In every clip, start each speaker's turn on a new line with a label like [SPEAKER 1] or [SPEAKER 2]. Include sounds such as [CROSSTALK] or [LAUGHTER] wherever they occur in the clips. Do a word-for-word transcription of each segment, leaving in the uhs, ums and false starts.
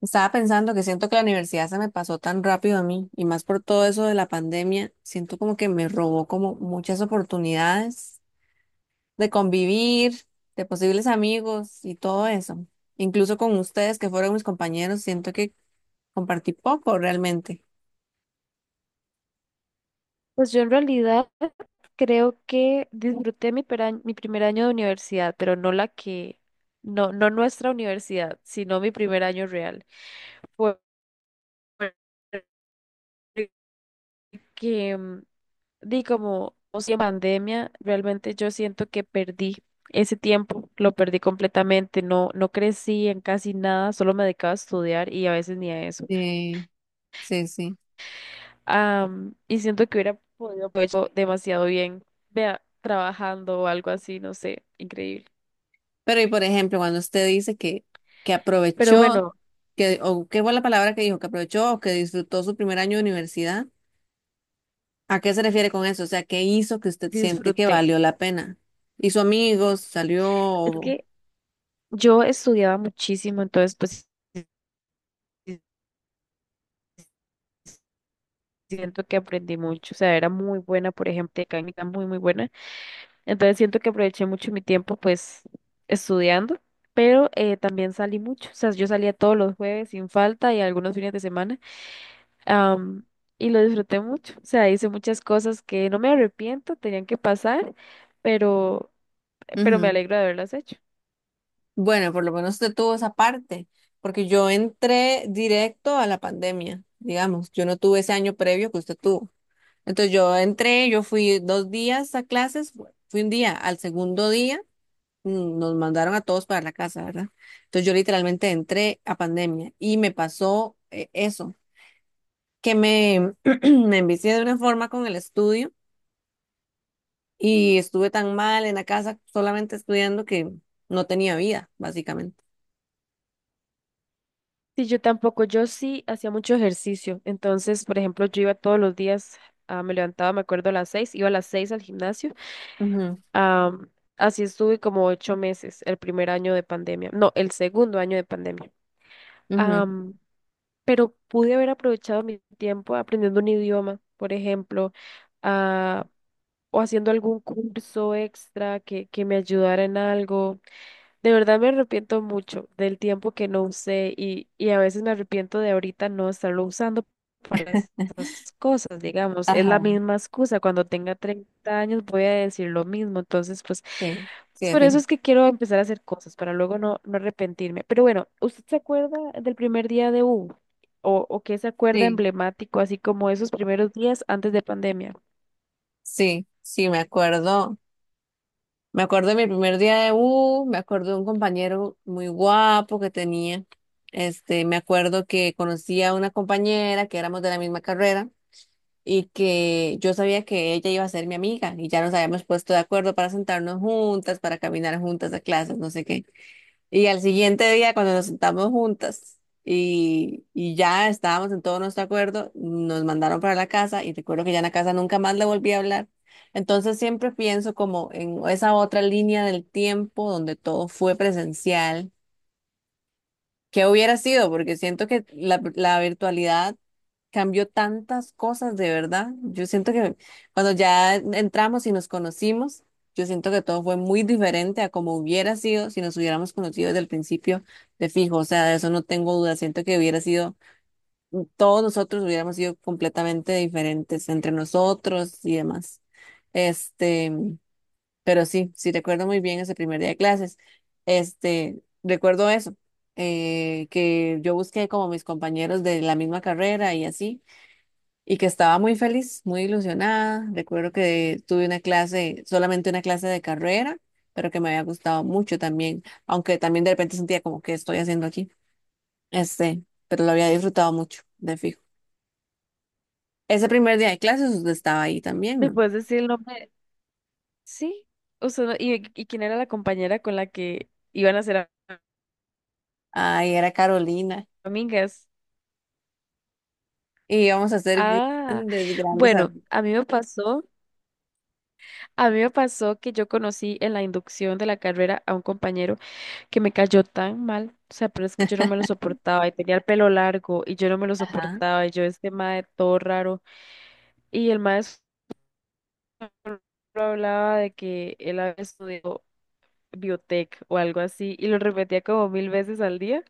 [SPEAKER 1] Estaba pensando que siento que la universidad se me pasó tan rápido a mí y más por todo eso de la pandemia, siento como que me robó como muchas oportunidades de convivir, de posibles amigos y todo eso. Incluso con ustedes que fueron mis compañeros, siento que compartí poco realmente.
[SPEAKER 2] Pues yo en realidad creo que disfruté mi, pera- mi primer año de universidad, pero no la que, no, no nuestra universidad, sino mi primer año real. Fue que, mm, di como, o sea, pandemia, realmente yo siento que perdí ese tiempo, lo perdí completamente, no, no crecí en casi nada, solo me dedicaba a estudiar y a veces ni a eso.
[SPEAKER 1] Sí, sí, sí.
[SPEAKER 2] Am, y siento que hubiera podido haber hecho demasiado bien, vea, trabajando o algo así, no sé, increíble.
[SPEAKER 1] Pero y por ejemplo, cuando usted dice que, que
[SPEAKER 2] Pero
[SPEAKER 1] aprovechó,
[SPEAKER 2] bueno,
[SPEAKER 1] que, o qué fue la palabra que dijo, que aprovechó o que disfrutó su primer año de universidad. ¿A qué se refiere con eso? O sea, ¿qué hizo que usted siente que
[SPEAKER 2] disfruté.
[SPEAKER 1] valió la pena? ¿Hizo amigos? ¿Salió?
[SPEAKER 2] Es
[SPEAKER 1] o-
[SPEAKER 2] que yo estudiaba muchísimo, entonces pues sí, siento que aprendí mucho. O sea, era muy buena, por ejemplo, mecánica muy, muy buena. Entonces siento que aproveché mucho mi tiempo pues estudiando, pero eh, también salí mucho. O sea, yo salía todos los jueves sin falta y algunos fines de semana. am, y lo disfruté mucho. O sea, hice muchas cosas que no me arrepiento, tenían que pasar, pero, pero me
[SPEAKER 1] Ujú.
[SPEAKER 2] alegro de haberlas hecho.
[SPEAKER 1] Bueno, por lo menos usted tuvo esa parte, porque yo entré directo a la pandemia, digamos, yo no tuve ese año previo que usted tuvo. Entonces yo entré, yo fui dos días a clases, fu- fui un día, al segundo día mm, nos mandaron a todos para la casa, ¿verdad? Entonces yo literalmente entré a pandemia y me pasó eh, eso, que me, [CLEARS THROAT] me envicié de una forma con el estudio. Y estuve tan mal en la casa solamente estudiando que no tenía vida, básicamente.
[SPEAKER 2] Sí, yo tampoco, yo sí hacía mucho ejercicio. Entonces, por ejemplo, yo iba todos los días, ah, me levantaba, me acuerdo, a las seis, iba a las seis al gimnasio.
[SPEAKER 1] Ujú,
[SPEAKER 2] Ah, así estuve como ocho meses, el primer año de pandemia, no, el segundo año de pandemia.
[SPEAKER 1] ujú.
[SPEAKER 2] Ah, pero pude haber aprovechado mi tiempo aprendiendo un idioma, por ejemplo, ah, o haciendo algún curso extra que, que me ayudara en algo. De verdad me arrepiento mucho del tiempo que no usé y, y a veces me arrepiento de ahorita no estarlo usando para esas cosas, digamos. Es
[SPEAKER 1] Ajá,
[SPEAKER 2] la misma excusa. Cuando tenga treinta años voy a decir lo mismo. Entonces, pues,
[SPEAKER 1] sí, sí,
[SPEAKER 2] es
[SPEAKER 1] de
[SPEAKER 2] por
[SPEAKER 1] fijo.
[SPEAKER 2] eso es que quiero empezar a hacer cosas para luego no, no arrepentirme. Pero bueno, ¿usted se acuerda del primer día de U? ¿O, o qué se acuerda
[SPEAKER 1] Sí,
[SPEAKER 2] emblemático, así como esos primeros días antes de pandemia?
[SPEAKER 1] sí, sí, me acuerdo. Me acuerdo de mi primer día de U, me acuerdo de un compañero muy guapo que tenía. Este, me acuerdo que conocí a una compañera que éramos de la misma carrera y que yo sabía que ella iba a ser mi amiga y ya nos habíamos puesto de acuerdo para sentarnos juntas, para caminar juntas a clases, no sé qué. Y al siguiente día, cuando nos sentamos juntas y, y ya estábamos en todo nuestro acuerdo, nos mandaron para la casa y recuerdo que ya en la casa nunca más le volví a hablar. Entonces siempre pienso como en esa otra línea del tiempo donde todo fue presencial. ¿Qué hubiera sido? Porque siento que la, la virtualidad cambió tantas cosas, de verdad. Yo siento que cuando ya entramos y nos conocimos, yo siento que todo fue muy diferente a como hubiera sido si nos hubiéramos conocido desde el principio de fijo. O sea, de eso no tengo duda. Siento que hubiera sido, todos nosotros hubiéramos sido completamente diferentes entre nosotros y demás. Este, pero sí, sí recuerdo muy bien ese primer día de clases. Este, recuerdo eso. Eh, que yo busqué como mis compañeros de la misma carrera y así, y que estaba muy feliz, muy ilusionada. Recuerdo que tuve una clase, solamente una clase de carrera, pero que me había gustado mucho también, aunque también de repente sentía como que estoy haciendo aquí. Este, pero lo había disfrutado mucho, de fijo. Ese primer día de clases usted estaba ahí también,
[SPEAKER 2] ¿Me
[SPEAKER 1] ¿no?
[SPEAKER 2] puedes decir el nombre? Sí. O sea, ¿y, y quién era la compañera con la que iban a hacer?
[SPEAKER 1] Ay, era Carolina.
[SPEAKER 2] Amigas.
[SPEAKER 1] Y íbamos a hacer
[SPEAKER 2] Ah,
[SPEAKER 1] grandes, grandes. ar-
[SPEAKER 2] bueno, a mí me pasó, a mí me pasó que yo conocí en la inducción de la carrera a un compañero que me cayó tan mal, o sea, pero es que yo no me lo
[SPEAKER 1] [LAUGHS]
[SPEAKER 2] soportaba y tenía el pelo largo y yo no me lo
[SPEAKER 1] Ajá.
[SPEAKER 2] soportaba y yo este mae todo raro y el maestro hablaba de que él había estudiado biotech o algo así y lo repetía como mil veces al día.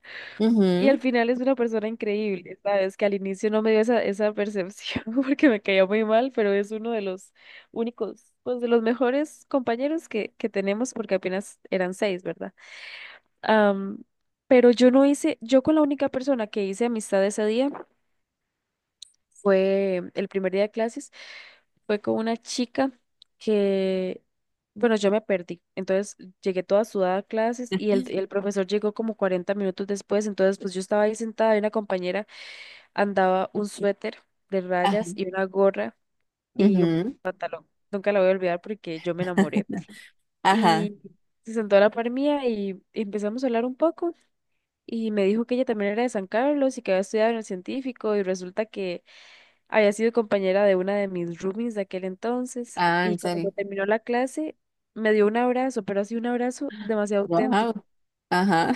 [SPEAKER 2] Y al
[SPEAKER 1] Ujú.
[SPEAKER 2] final es una persona increíble, ¿sabes? Que al inicio no me dio esa, esa percepción [LAUGHS] porque me caía muy mal, pero es uno de los únicos, pues de los mejores compañeros que, que tenemos porque apenas eran seis, ¿verdad? Am, pero yo no hice, yo con la única persona que hice amistad ese día fue el primer día de clases, fue con una chica que, bueno, yo me perdí. Entonces llegué toda sudada a clases y el, el profesor llegó como cuarenta minutos después, entonces pues yo estaba ahí sentada y una compañera andaba un suéter de
[SPEAKER 1] Ajá.
[SPEAKER 2] rayas y una gorra y un
[SPEAKER 1] Ujú.
[SPEAKER 2] pantalón. Nunca la voy a olvidar porque yo me enamoré.
[SPEAKER 1] [LAUGHS] Ajá.
[SPEAKER 2] Y se sentó a la par mía y empezamos a hablar un poco. Y me dijo que ella también era de San Carlos y que había estudiado en el científico. Y resulta que había sido compañera de una de mis roomies de aquel entonces.
[SPEAKER 1] Ah,
[SPEAKER 2] Y
[SPEAKER 1] en serio.
[SPEAKER 2] cuando terminó la clase, me dio un abrazo, pero así un abrazo demasiado
[SPEAKER 1] Wow.
[SPEAKER 2] auténtico.
[SPEAKER 1] Ajá.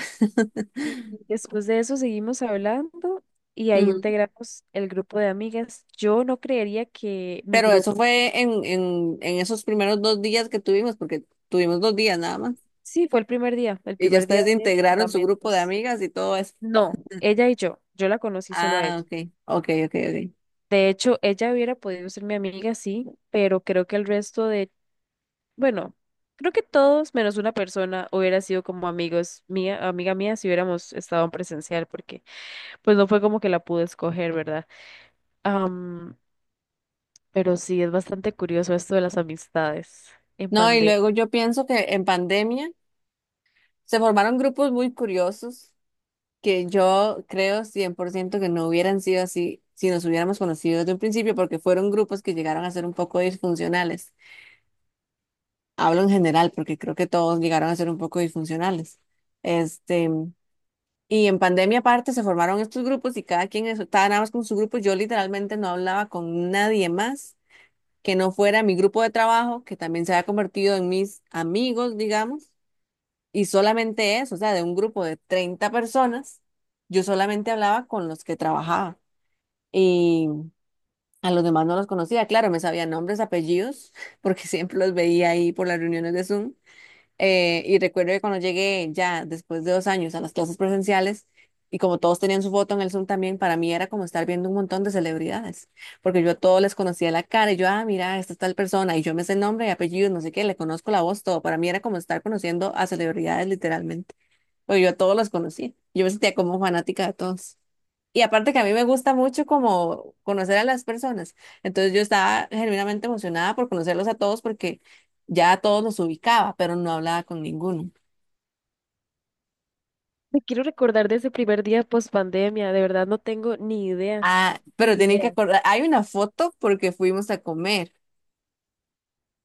[SPEAKER 2] Y
[SPEAKER 1] [LAUGHS]
[SPEAKER 2] después de eso seguimos hablando y ahí
[SPEAKER 1] Ujú.
[SPEAKER 2] integramos el grupo de amigas. Yo no creería que mi
[SPEAKER 1] Pero eso
[SPEAKER 2] grupo,
[SPEAKER 1] fue en, en, en esos primeros dos días que tuvimos, porque tuvimos dos días nada más.
[SPEAKER 2] sí, fue el primer día, el
[SPEAKER 1] Y ya
[SPEAKER 2] primer día
[SPEAKER 1] ustedes
[SPEAKER 2] de
[SPEAKER 1] integraron su grupo de
[SPEAKER 2] Fundamentos.
[SPEAKER 1] amigas y todo eso.
[SPEAKER 2] No, ella y yo, yo la conocí solo a
[SPEAKER 1] Ah,
[SPEAKER 2] ella.
[SPEAKER 1] ok, ok, ok, ok.
[SPEAKER 2] De hecho, ella hubiera podido ser mi amiga, sí, pero creo que el resto de, bueno, creo que todos menos una persona hubiera sido como amigos mía, amiga mía si hubiéramos estado en presencial, porque pues no fue como que la pude escoger, ¿verdad? Pero sí, es bastante curioso esto de las amistades en
[SPEAKER 1] No, y
[SPEAKER 2] pandemia.
[SPEAKER 1] luego yo pienso que en pandemia se formaron grupos muy curiosos que yo creo cien por ciento que no hubieran sido así si nos hubiéramos conocido desde un principio, porque fueron grupos que llegaron a ser un poco disfuncionales. Hablo en general, porque creo que todos llegaron a ser un poco disfuncionales. Este. Y en pandemia aparte se formaron estos grupos y cada quien es- estaba nada más con su grupo. Yo literalmente no hablaba con nadie más que no fuera mi grupo de trabajo, que también se había convertido en mis amigos, digamos, y solamente eso, o sea, de un grupo de treinta personas, yo solamente hablaba con los que trabajaba y a los demás no los conocía. Claro, me sabía nombres, apellidos, [LAUGHS] porque siempre los veía ahí por las reuniones de Zoom. Eh, y recuerdo que cuando llegué ya después de dos años a las clases presenciales, y como todos tenían su foto en el Zoom también, para mí era como estar viendo un montón de celebridades, porque yo a todos les conocía la cara, y yo, ah, mira, esta es tal persona, y yo me sé el nombre y apellido, no sé qué, le conozco la voz, todo. Para mí era como estar conociendo a celebridades literalmente, porque yo a todos los conocí, yo me sentía como fanática de todos. Y aparte que a mí me gusta mucho como conocer a las personas. Entonces yo estaba genuinamente emocionada por conocerlos a todos porque ya a todos los ubicaba, pero no hablaba con ninguno.
[SPEAKER 2] Me quiero recordar de ese primer día post pandemia. De verdad no tengo ni idea,
[SPEAKER 1] Ah, pero
[SPEAKER 2] ni
[SPEAKER 1] tienen que
[SPEAKER 2] idea.
[SPEAKER 1] acordar, hay una foto porque fuimos a comer.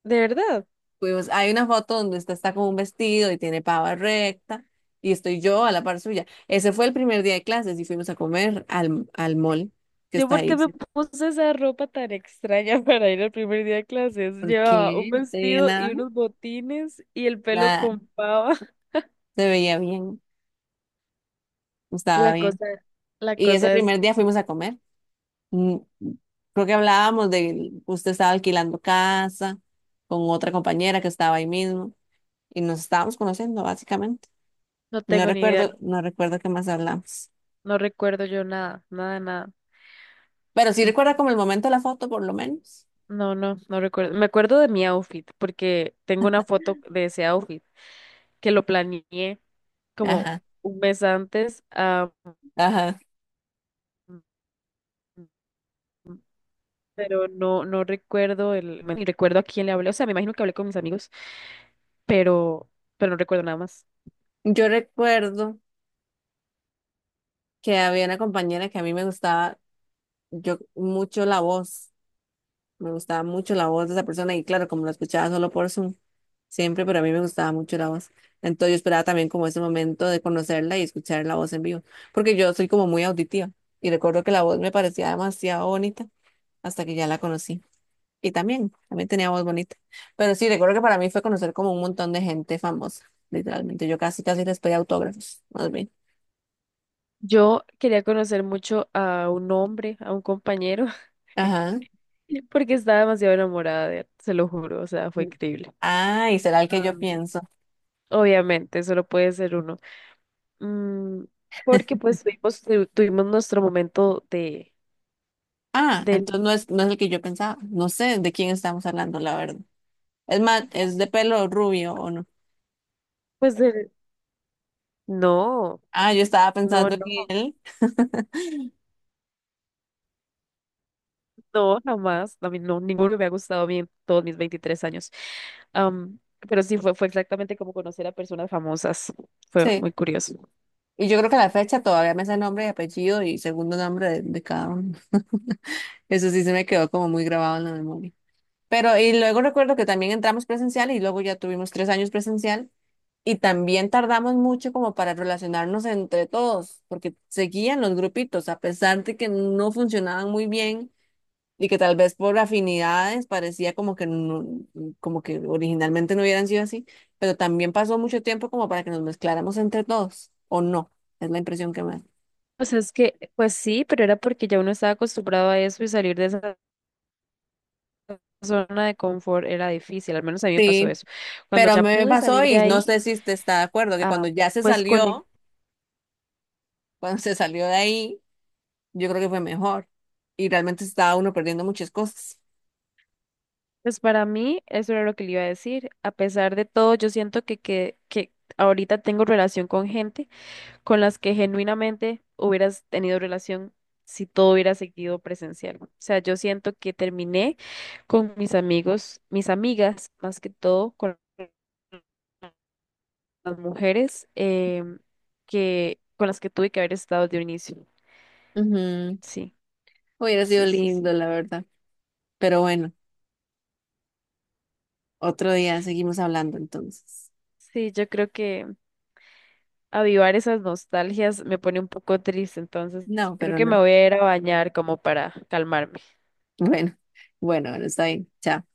[SPEAKER 2] De verdad.
[SPEAKER 1] Fuimos, hay una foto donde usted está con un vestido y tiene pava recta y estoy yo a la par suya. Ese fue el primer día de clases y fuimos a comer al, al mall que
[SPEAKER 2] ¿Yo
[SPEAKER 1] está
[SPEAKER 2] por qué
[SPEAKER 1] ahí.
[SPEAKER 2] me
[SPEAKER 1] Sí.
[SPEAKER 2] puse esa ropa tan extraña [LAUGHS] para ir al primer día de clases?
[SPEAKER 1] ¿Por
[SPEAKER 2] Llevaba un
[SPEAKER 1] qué? No te dije
[SPEAKER 2] vestido y
[SPEAKER 1] nada.
[SPEAKER 2] unos botines y el pelo
[SPEAKER 1] Nada,
[SPEAKER 2] con pava. [LAUGHS]
[SPEAKER 1] se veía bien, estaba
[SPEAKER 2] La
[SPEAKER 1] bien.
[SPEAKER 2] cosa, la
[SPEAKER 1] Y ese
[SPEAKER 2] cosa es
[SPEAKER 1] primer
[SPEAKER 2] que
[SPEAKER 1] día fuimos a comer. Mm, Creo que hablábamos de que usted estaba alquilando casa con otra compañera que estaba ahí mismo y nos estábamos conociendo básicamente.
[SPEAKER 2] no
[SPEAKER 1] No
[SPEAKER 2] tengo ni idea.
[SPEAKER 1] recuerdo, no recuerdo qué más hablamos.
[SPEAKER 2] No recuerdo yo nada, nada, nada.
[SPEAKER 1] Pero sí
[SPEAKER 2] Mm.
[SPEAKER 1] recuerda como el momento de la foto, por lo menos.
[SPEAKER 2] No, no, no recuerdo. Me acuerdo de mi outfit porque tengo una foto de ese outfit que lo planeé como
[SPEAKER 1] Ajá,
[SPEAKER 2] un mes antes, ah,
[SPEAKER 1] ajá.
[SPEAKER 2] pero no, no recuerdo el, ni recuerdo a quién le hablé. O sea, me imagino que hablé con mis amigos, pero, pero no recuerdo nada más.
[SPEAKER 1] Yo recuerdo que había una compañera que a mí me gustaba yo mucho la voz. Me gustaba mucho la voz de esa persona y claro, como la escuchaba solo por Zoom, siempre, pero a mí me gustaba mucho la voz. Entonces yo esperaba también como ese momento de conocerla y escuchar la voz en vivo, porque yo soy como muy auditiva y recuerdo que la voz me parecía demasiado bonita hasta que ya la conocí. Y también, también tenía voz bonita. Pero sí, recuerdo que para mí fue conocer como un montón de gente famosa, literalmente. Yo casi, casi les pedí autógrafos, más bien.
[SPEAKER 2] Yo quería conocer mucho a un hombre, a un compañero, [LAUGHS]
[SPEAKER 1] Ajá.
[SPEAKER 2] porque estaba demasiado enamorada de él, se lo juro, o sea, fue increíble.
[SPEAKER 1] Ah, y será el que yo
[SPEAKER 2] Am,
[SPEAKER 1] pienso.
[SPEAKER 2] obviamente, solo puede ser uno. Mm, porque pues tuvimos, tu- tuvimos nuestro momento de,
[SPEAKER 1] Ah,
[SPEAKER 2] del...
[SPEAKER 1] entonces no es, no es el que yo pensaba. No sé de quién estamos hablando, la verdad. Es más,
[SPEAKER 2] ¿Y qué?
[SPEAKER 1] es de pelo rubio o no.
[SPEAKER 2] Pues del... No.
[SPEAKER 1] Ah, yo estaba
[SPEAKER 2] No,
[SPEAKER 1] pensando
[SPEAKER 2] no,
[SPEAKER 1] en él.
[SPEAKER 2] no, jamás. A mí no, ninguno me ha gustado a mí en todos mis veintitrés años. Am, pero sí, fue, fue exactamente como conocer a personas famosas. Fue
[SPEAKER 1] Sí.
[SPEAKER 2] muy curioso.
[SPEAKER 1] Y yo creo que a la fecha todavía me sé nombre y apellido y segundo nombre de, de cada uno. [LAUGHS] Eso sí se me quedó como muy grabado en la memoria. Pero, y luego recuerdo que también entramos presencial y luego ya tuvimos tres años presencial y también tardamos mucho como para relacionarnos entre todos, porque seguían los grupitos, a pesar de que no funcionaban muy bien y que tal vez por afinidades parecía como que no- como que originalmente no hubieran sido así, pero también pasó mucho tiempo como para que nos mezcláramos entre todos, o no, es la impresión que me da.
[SPEAKER 2] O sea, es que, pues sí, pero era porque ya uno estaba acostumbrado a eso y salir de esa zona de confort era difícil. Al menos a mí me pasó
[SPEAKER 1] Sí,
[SPEAKER 2] eso. Cuando
[SPEAKER 1] pero
[SPEAKER 2] ya
[SPEAKER 1] me
[SPEAKER 2] pude
[SPEAKER 1] pasó
[SPEAKER 2] salir de
[SPEAKER 1] y no
[SPEAKER 2] ahí,
[SPEAKER 1] sé si usted está de acuerdo, que
[SPEAKER 2] ah,
[SPEAKER 1] cuando ya se
[SPEAKER 2] pues conecté.
[SPEAKER 1] salió, [LAUGHS] cuando se salió de ahí, yo creo que fue mejor y realmente estaba uno perdiendo muchas cosas.
[SPEAKER 2] Pues para mí, eso era lo que le iba a decir. A pesar de todo, yo siento que, que, que ahorita tengo relación con gente con las que genuinamente hubieras tenido relación si todo hubiera seguido presencial. O sea, yo siento que terminé con mis amigos, mis amigas, más que todo, con las mujeres em, que, con las que tuve que haber estado de un inicio.
[SPEAKER 1] Ujú,
[SPEAKER 2] Sí,
[SPEAKER 1] hubiera sido
[SPEAKER 2] sí, sí,
[SPEAKER 1] lindo,
[SPEAKER 2] sí.
[SPEAKER 1] la verdad. Pero bueno, otro día seguimos hablando entonces.
[SPEAKER 2] Sí, yo creo que avivar esas nostalgias me pone un poco triste, entonces
[SPEAKER 1] No,
[SPEAKER 2] creo
[SPEAKER 1] pero
[SPEAKER 2] que me
[SPEAKER 1] no.
[SPEAKER 2] voy a ir a bañar como para calmarme.
[SPEAKER 1] [LAUGHS] Bueno, bueno, bueno, está bien. Chao.